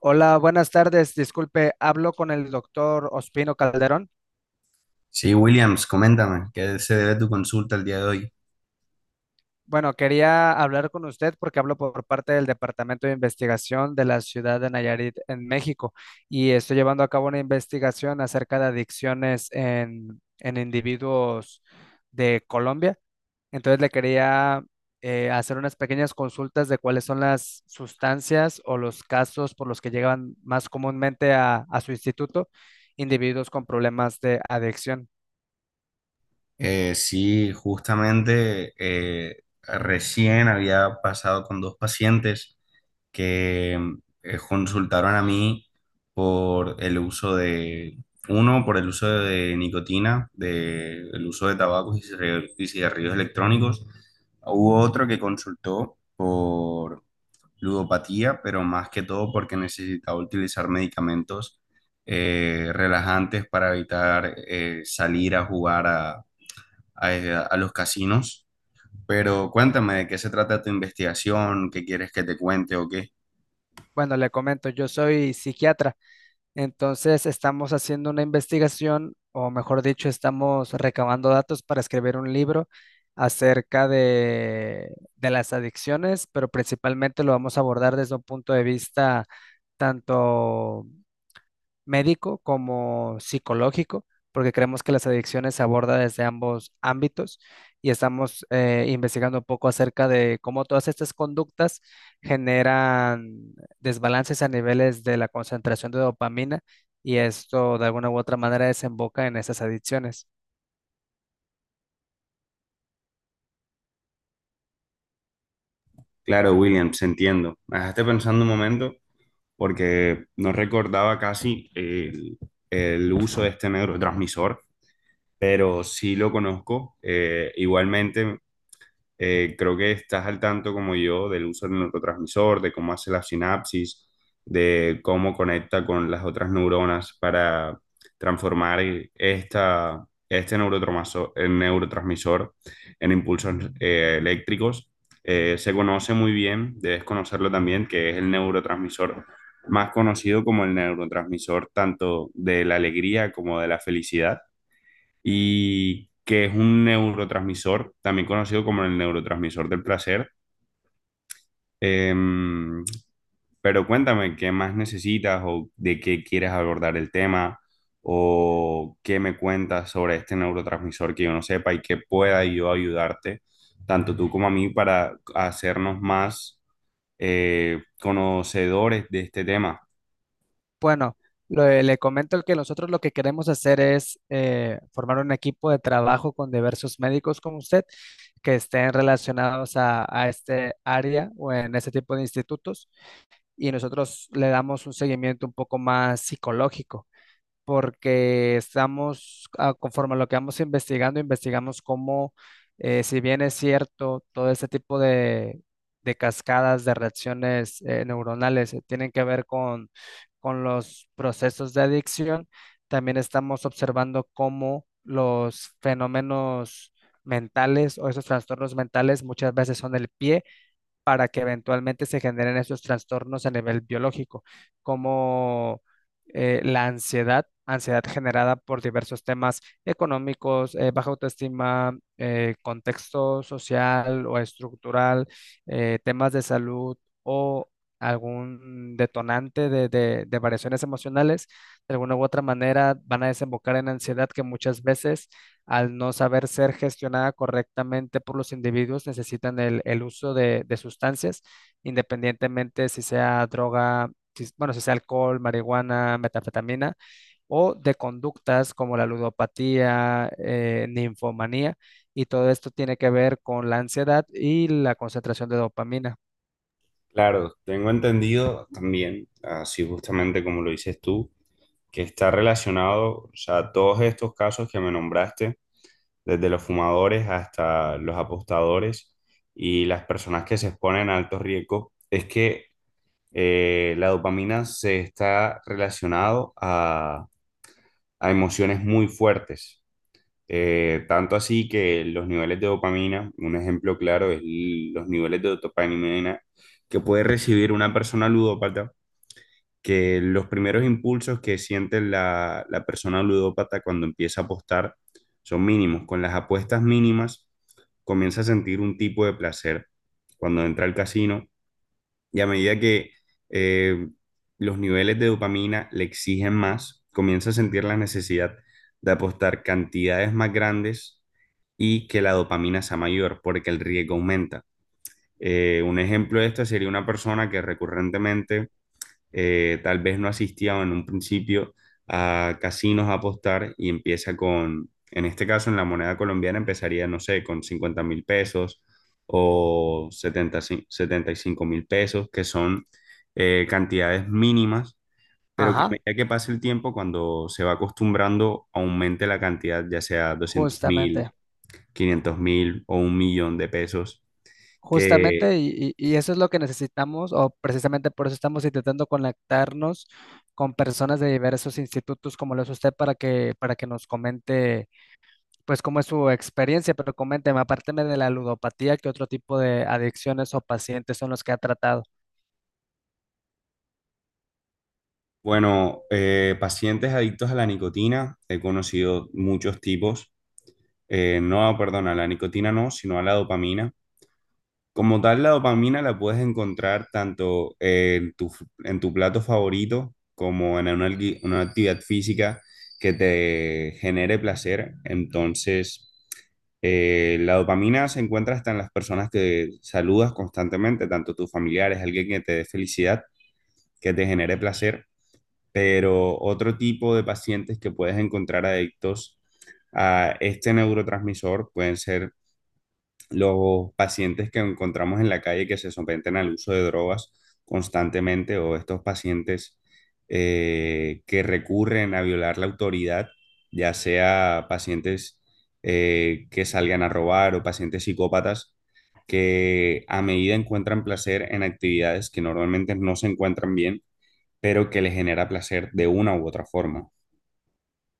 Hola, buenas tardes. Disculpe, hablo con el doctor Ospino Calderón. Sí, Williams, coméntame, ¿qué se debe tu consulta el día de hoy? Bueno, quería hablar con usted porque hablo por parte del Departamento de Investigación de la ciudad de Nayarit en México y estoy llevando a cabo una investigación acerca de adicciones en individuos de Colombia. Entonces le quería hacer unas pequeñas consultas de cuáles son las sustancias o los casos por los que llegan más comúnmente a su instituto individuos con problemas de adicción. Sí, justamente recién había pasado con dos pacientes que consultaron a mí por el uso de, uno, por el uso de nicotina, el uso de tabacos y cigarrillos electrónicos. Hubo otro que consultó por ludopatía, pero más que todo porque necesitaba utilizar medicamentos relajantes para evitar salir a jugar a los casinos. Pero cuéntame de qué se trata tu investigación, qué quieres que te cuente o qué. Bueno, le comento, yo soy psiquiatra, entonces estamos haciendo una investigación, o mejor dicho, estamos recabando datos para escribir un libro acerca de las adicciones, pero principalmente lo vamos a abordar desde un punto de vista tanto médico como psicológico, porque creemos que las adicciones se aborda desde ambos ámbitos y estamos investigando un poco acerca de cómo todas estas conductas generan desbalances a niveles de la concentración de dopamina, y esto de alguna u otra manera desemboca en esas adicciones. Claro, Williams, entiendo. Me dejaste pensando un momento porque no recordaba casi el uso de este neurotransmisor, pero sí lo conozco. Igualmente. Creo que estás al tanto como yo del uso del neurotransmisor, de cómo hace la sinapsis, de cómo conecta con las otras neuronas para transformar este neurotransmisor, el neurotransmisor en impulsos eléctricos. Se conoce muy bien, debes conocerlo también, que es el neurotransmisor más conocido como el neurotransmisor tanto de la alegría como de la felicidad y que es un neurotransmisor, también conocido como el neurotransmisor del placer. Em, pero cuéntame, ¿qué más necesitas o de qué quieres abordar el tema o qué me cuentas sobre este neurotransmisor que yo no sepa y que pueda yo ayudarte, tanto tú como a mí, para hacernos más conocedores de este tema? Bueno, le comento que nosotros lo que queremos hacer es formar un equipo de trabajo con diversos médicos como usted que estén relacionados a este área o en este tipo de institutos, y nosotros le damos un seguimiento un poco más psicológico porque estamos, ah, conforme a lo que vamos investigando, investigamos cómo, si bien es cierto, todo este tipo de cascadas de reacciones neuronales tienen que ver con los procesos de adicción, también estamos observando cómo los fenómenos mentales o esos trastornos mentales muchas veces son el pie para que eventualmente se generen esos trastornos a nivel biológico, como la ansiedad, ansiedad generada por diversos temas económicos, baja autoestima, contexto social o estructural, temas de salud o algún detonante de variaciones emocionales, de alguna u otra manera van a desembocar en ansiedad que muchas veces al no saber ser gestionada correctamente por los individuos, necesitan el uso de sustancias, independientemente si sea droga, bueno, si sea alcohol, marihuana, metanfetamina o de conductas como la ludopatía, ninfomanía, y todo esto tiene que ver con la ansiedad y la concentración de dopamina. Claro, tengo entendido también, así justamente como lo dices tú, que está relacionado, o sea, todos estos casos que me nombraste, desde los fumadores hasta los apostadores y las personas que se exponen a altos riesgos, es que la dopamina se está relacionado a emociones muy fuertes. Tanto así que los niveles de dopamina, un ejemplo claro es los niveles de dopamina que puede recibir una persona ludópata, que los primeros impulsos que siente la persona ludópata cuando empieza a apostar son mínimos. Con las apuestas mínimas comienza a sentir un tipo de placer cuando entra al casino y a medida que eh, los niveles de dopamina le exigen más, comienza a sentir la necesidad de apostar cantidades más grandes y que la dopamina sea mayor porque el riesgo aumenta. Un ejemplo de esto sería una persona que recurrentemente tal vez no asistía en un principio a casinos a apostar y empieza en este caso en la moneda colombiana empezaría, no sé, con 50.000 pesos o 75.000 pesos, que son cantidades mínimas, pero que a Ajá, medida que pase el tiempo, cuando se va acostumbrando, aumente la cantidad, ya sea 200.000, justamente. 500.000 o 1.000.000 de pesos. que Justamente, y eso es lo que necesitamos, o precisamente por eso estamos intentando conectarnos con personas de diversos institutos como lo es usted para que nos comente, pues, cómo es su experiencia, pero coménteme, apárteme de la ludopatía, ¿qué otro tipo de adicciones o pacientes son los que ha tratado? Bueno, pacientes adictos a la nicotina, he conocido muchos tipos. No, perdón, a la nicotina no, sino a la dopamina. Como tal, la dopamina la puedes encontrar tanto en tu plato favorito como en una actividad física que te genere placer. Entonces, la dopamina se encuentra hasta en las personas que saludas constantemente, tanto tus familiares, alguien que te dé felicidad, que te genere placer, pero otro tipo de pacientes que puedes encontrar adictos a este neurotransmisor pueden ser los pacientes que encontramos en la calle que se someten al uso de drogas constantemente, o estos pacientes que recurren a violar la autoridad, ya sea pacientes que salgan a robar o pacientes psicópatas que a medida encuentran placer en actividades que normalmente no se encuentran bien, pero que le genera placer de una u otra forma.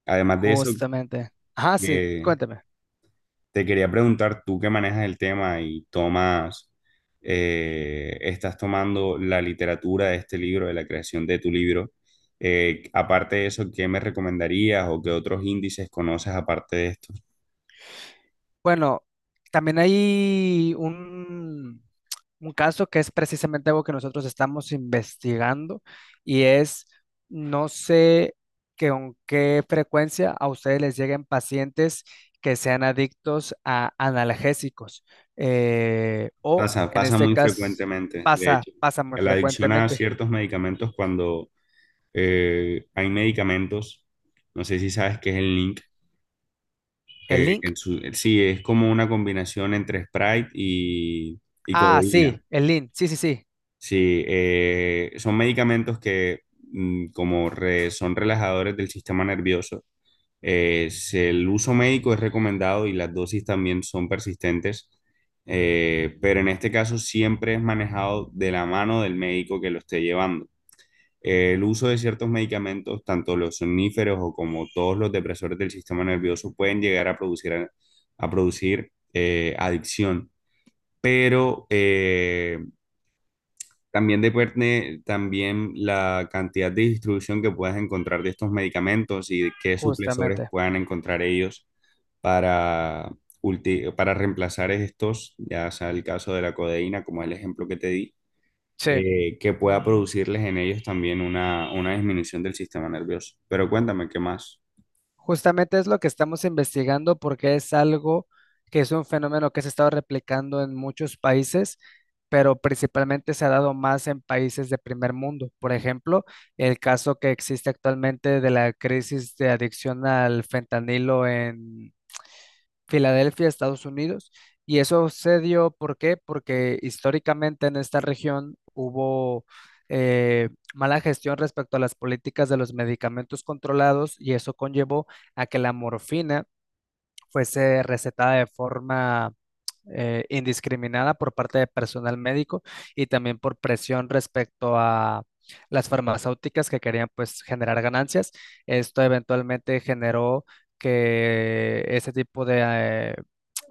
Además de eso, Justamente. Ajá, sí, eh, cuénteme. te quería preguntar, tú que manejas el tema y estás tomando la literatura de este libro, de la creación de tu libro, aparte de eso, ¿qué me recomendarías o qué otros índices conoces aparte de estos? Bueno, también hay un caso que es precisamente algo que nosotros estamos investigando y es, no sé que con qué frecuencia a ustedes les lleguen pacientes que sean adictos a analgésicos o Pasa, en pasa este muy caso frecuentemente, de pasa, hecho, pasa muy la adicción a frecuentemente. ciertos medicamentos cuando hay medicamentos, no sé si sabes qué es el NINC. ¿El link? Sí, es como una combinación entre Sprite y Ah, codeína. sí, el link, sí, sí, Sí, son medicamentos que son relajadores del sistema nervioso. El uso médico es recomendado y las dosis también son persistentes, pero en este caso siempre es manejado de la mano del médico que lo esté llevando. El uso de ciertos medicamentos, tanto los somníferos o como todos los depresores del sistema nervioso, pueden llegar a producir adicción, pero también depende también la cantidad de distribución que puedas encontrar de estos medicamentos y de qué suplesores justamente, puedan encontrar ellos para para reemplazar estos, ya sea el caso de la codeína, como el ejemplo que te di, sí. Que pueda producirles en ellos también una disminución del sistema nervioso. Pero cuéntame, ¿qué más? Justamente es lo que estamos investigando porque es algo que es un fenómeno que se ha estado replicando en muchos países, pero principalmente se ha dado más en países de primer mundo. Por ejemplo, el caso que existe actualmente de la crisis de adicción al fentanilo Filadelfia, Estados Unidos. Y eso se dio, ¿por qué? Porque históricamente en esta región hubo eh, mala gestión respecto a las políticas de los medicamentos controlados, y eso conllevó a que la morfina fuese recetada de forma indiscriminada por parte de personal médico y también por presión respecto a las farmacéuticas que querían pues generar ganancias. Esto eventualmente generó que ese tipo de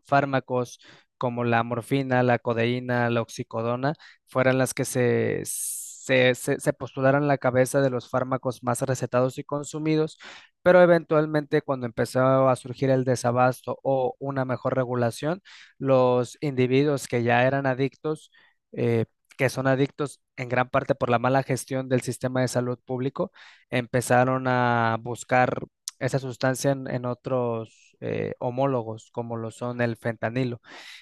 fármacos como la morfina, la codeína, la oxicodona, fueran las que se postularan la cabeza de los fármacos más recetados y consumidos, pero eventualmente cuando empezó a surgir el desabasto o una mejor regulación, los individuos que ya eran adictos, eh, que son adictos en gran parte por la mala gestión del sistema de salud público, empezaron a buscar esa sustancia en otros homólogos, como lo son el fentanilo.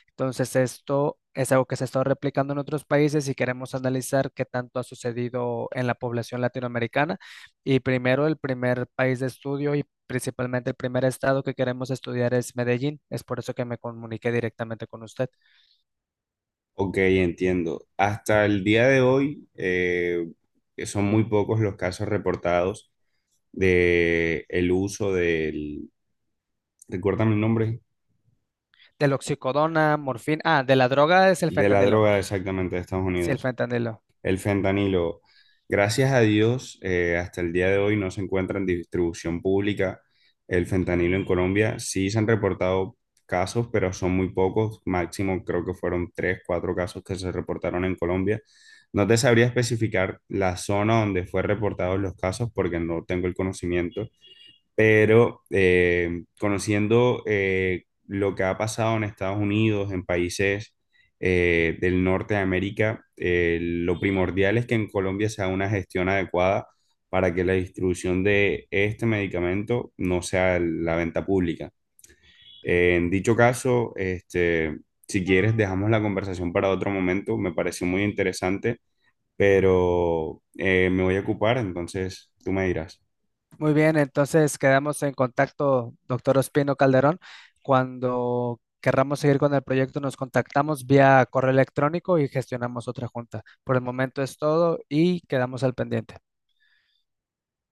Entonces, esto es algo que se ha estado replicando en otros países y queremos analizar qué tanto ha sucedido en la población latinoamericana. Y primero, el primer país de estudio y principalmente el primer estado que queremos estudiar es Medellín. Es por eso que me comuniqué directamente con usted. Ok, entiendo. Hasta el día de hoy, que son muy pocos los casos reportados de el uso recuérdame el nombre, Del oxicodona, morfina, ah, de la droga es el de la fentanilo. droga exactamente de Estados Sí, el Unidos. fentanilo. El fentanilo, gracias a Dios, hasta el día de hoy no se encuentra en distribución pública el fentanilo en Colombia. Sí se han reportado casos, pero son muy pocos. Máximo creo que fueron tres, cuatro casos que se reportaron en Colombia. No te sabría especificar la zona donde fue reportados los casos porque no tengo el conocimiento, pero conociendo lo que ha pasado en Estados Unidos, en países del norte de América, lo primordial es que en Colombia se haga una gestión adecuada para que la distribución de este medicamento no sea la venta pública. En dicho caso, este, si quieres, dejamos la conversación para otro momento. Me pareció muy interesante, pero me voy a ocupar, entonces tú me dirás. Muy bien, entonces quedamos en contacto, doctor Ospino Calderón. Cuando querramos seguir con el proyecto, nos contactamos vía correo electrónico y gestionamos otra junta. Por el momento es todo y quedamos al pendiente.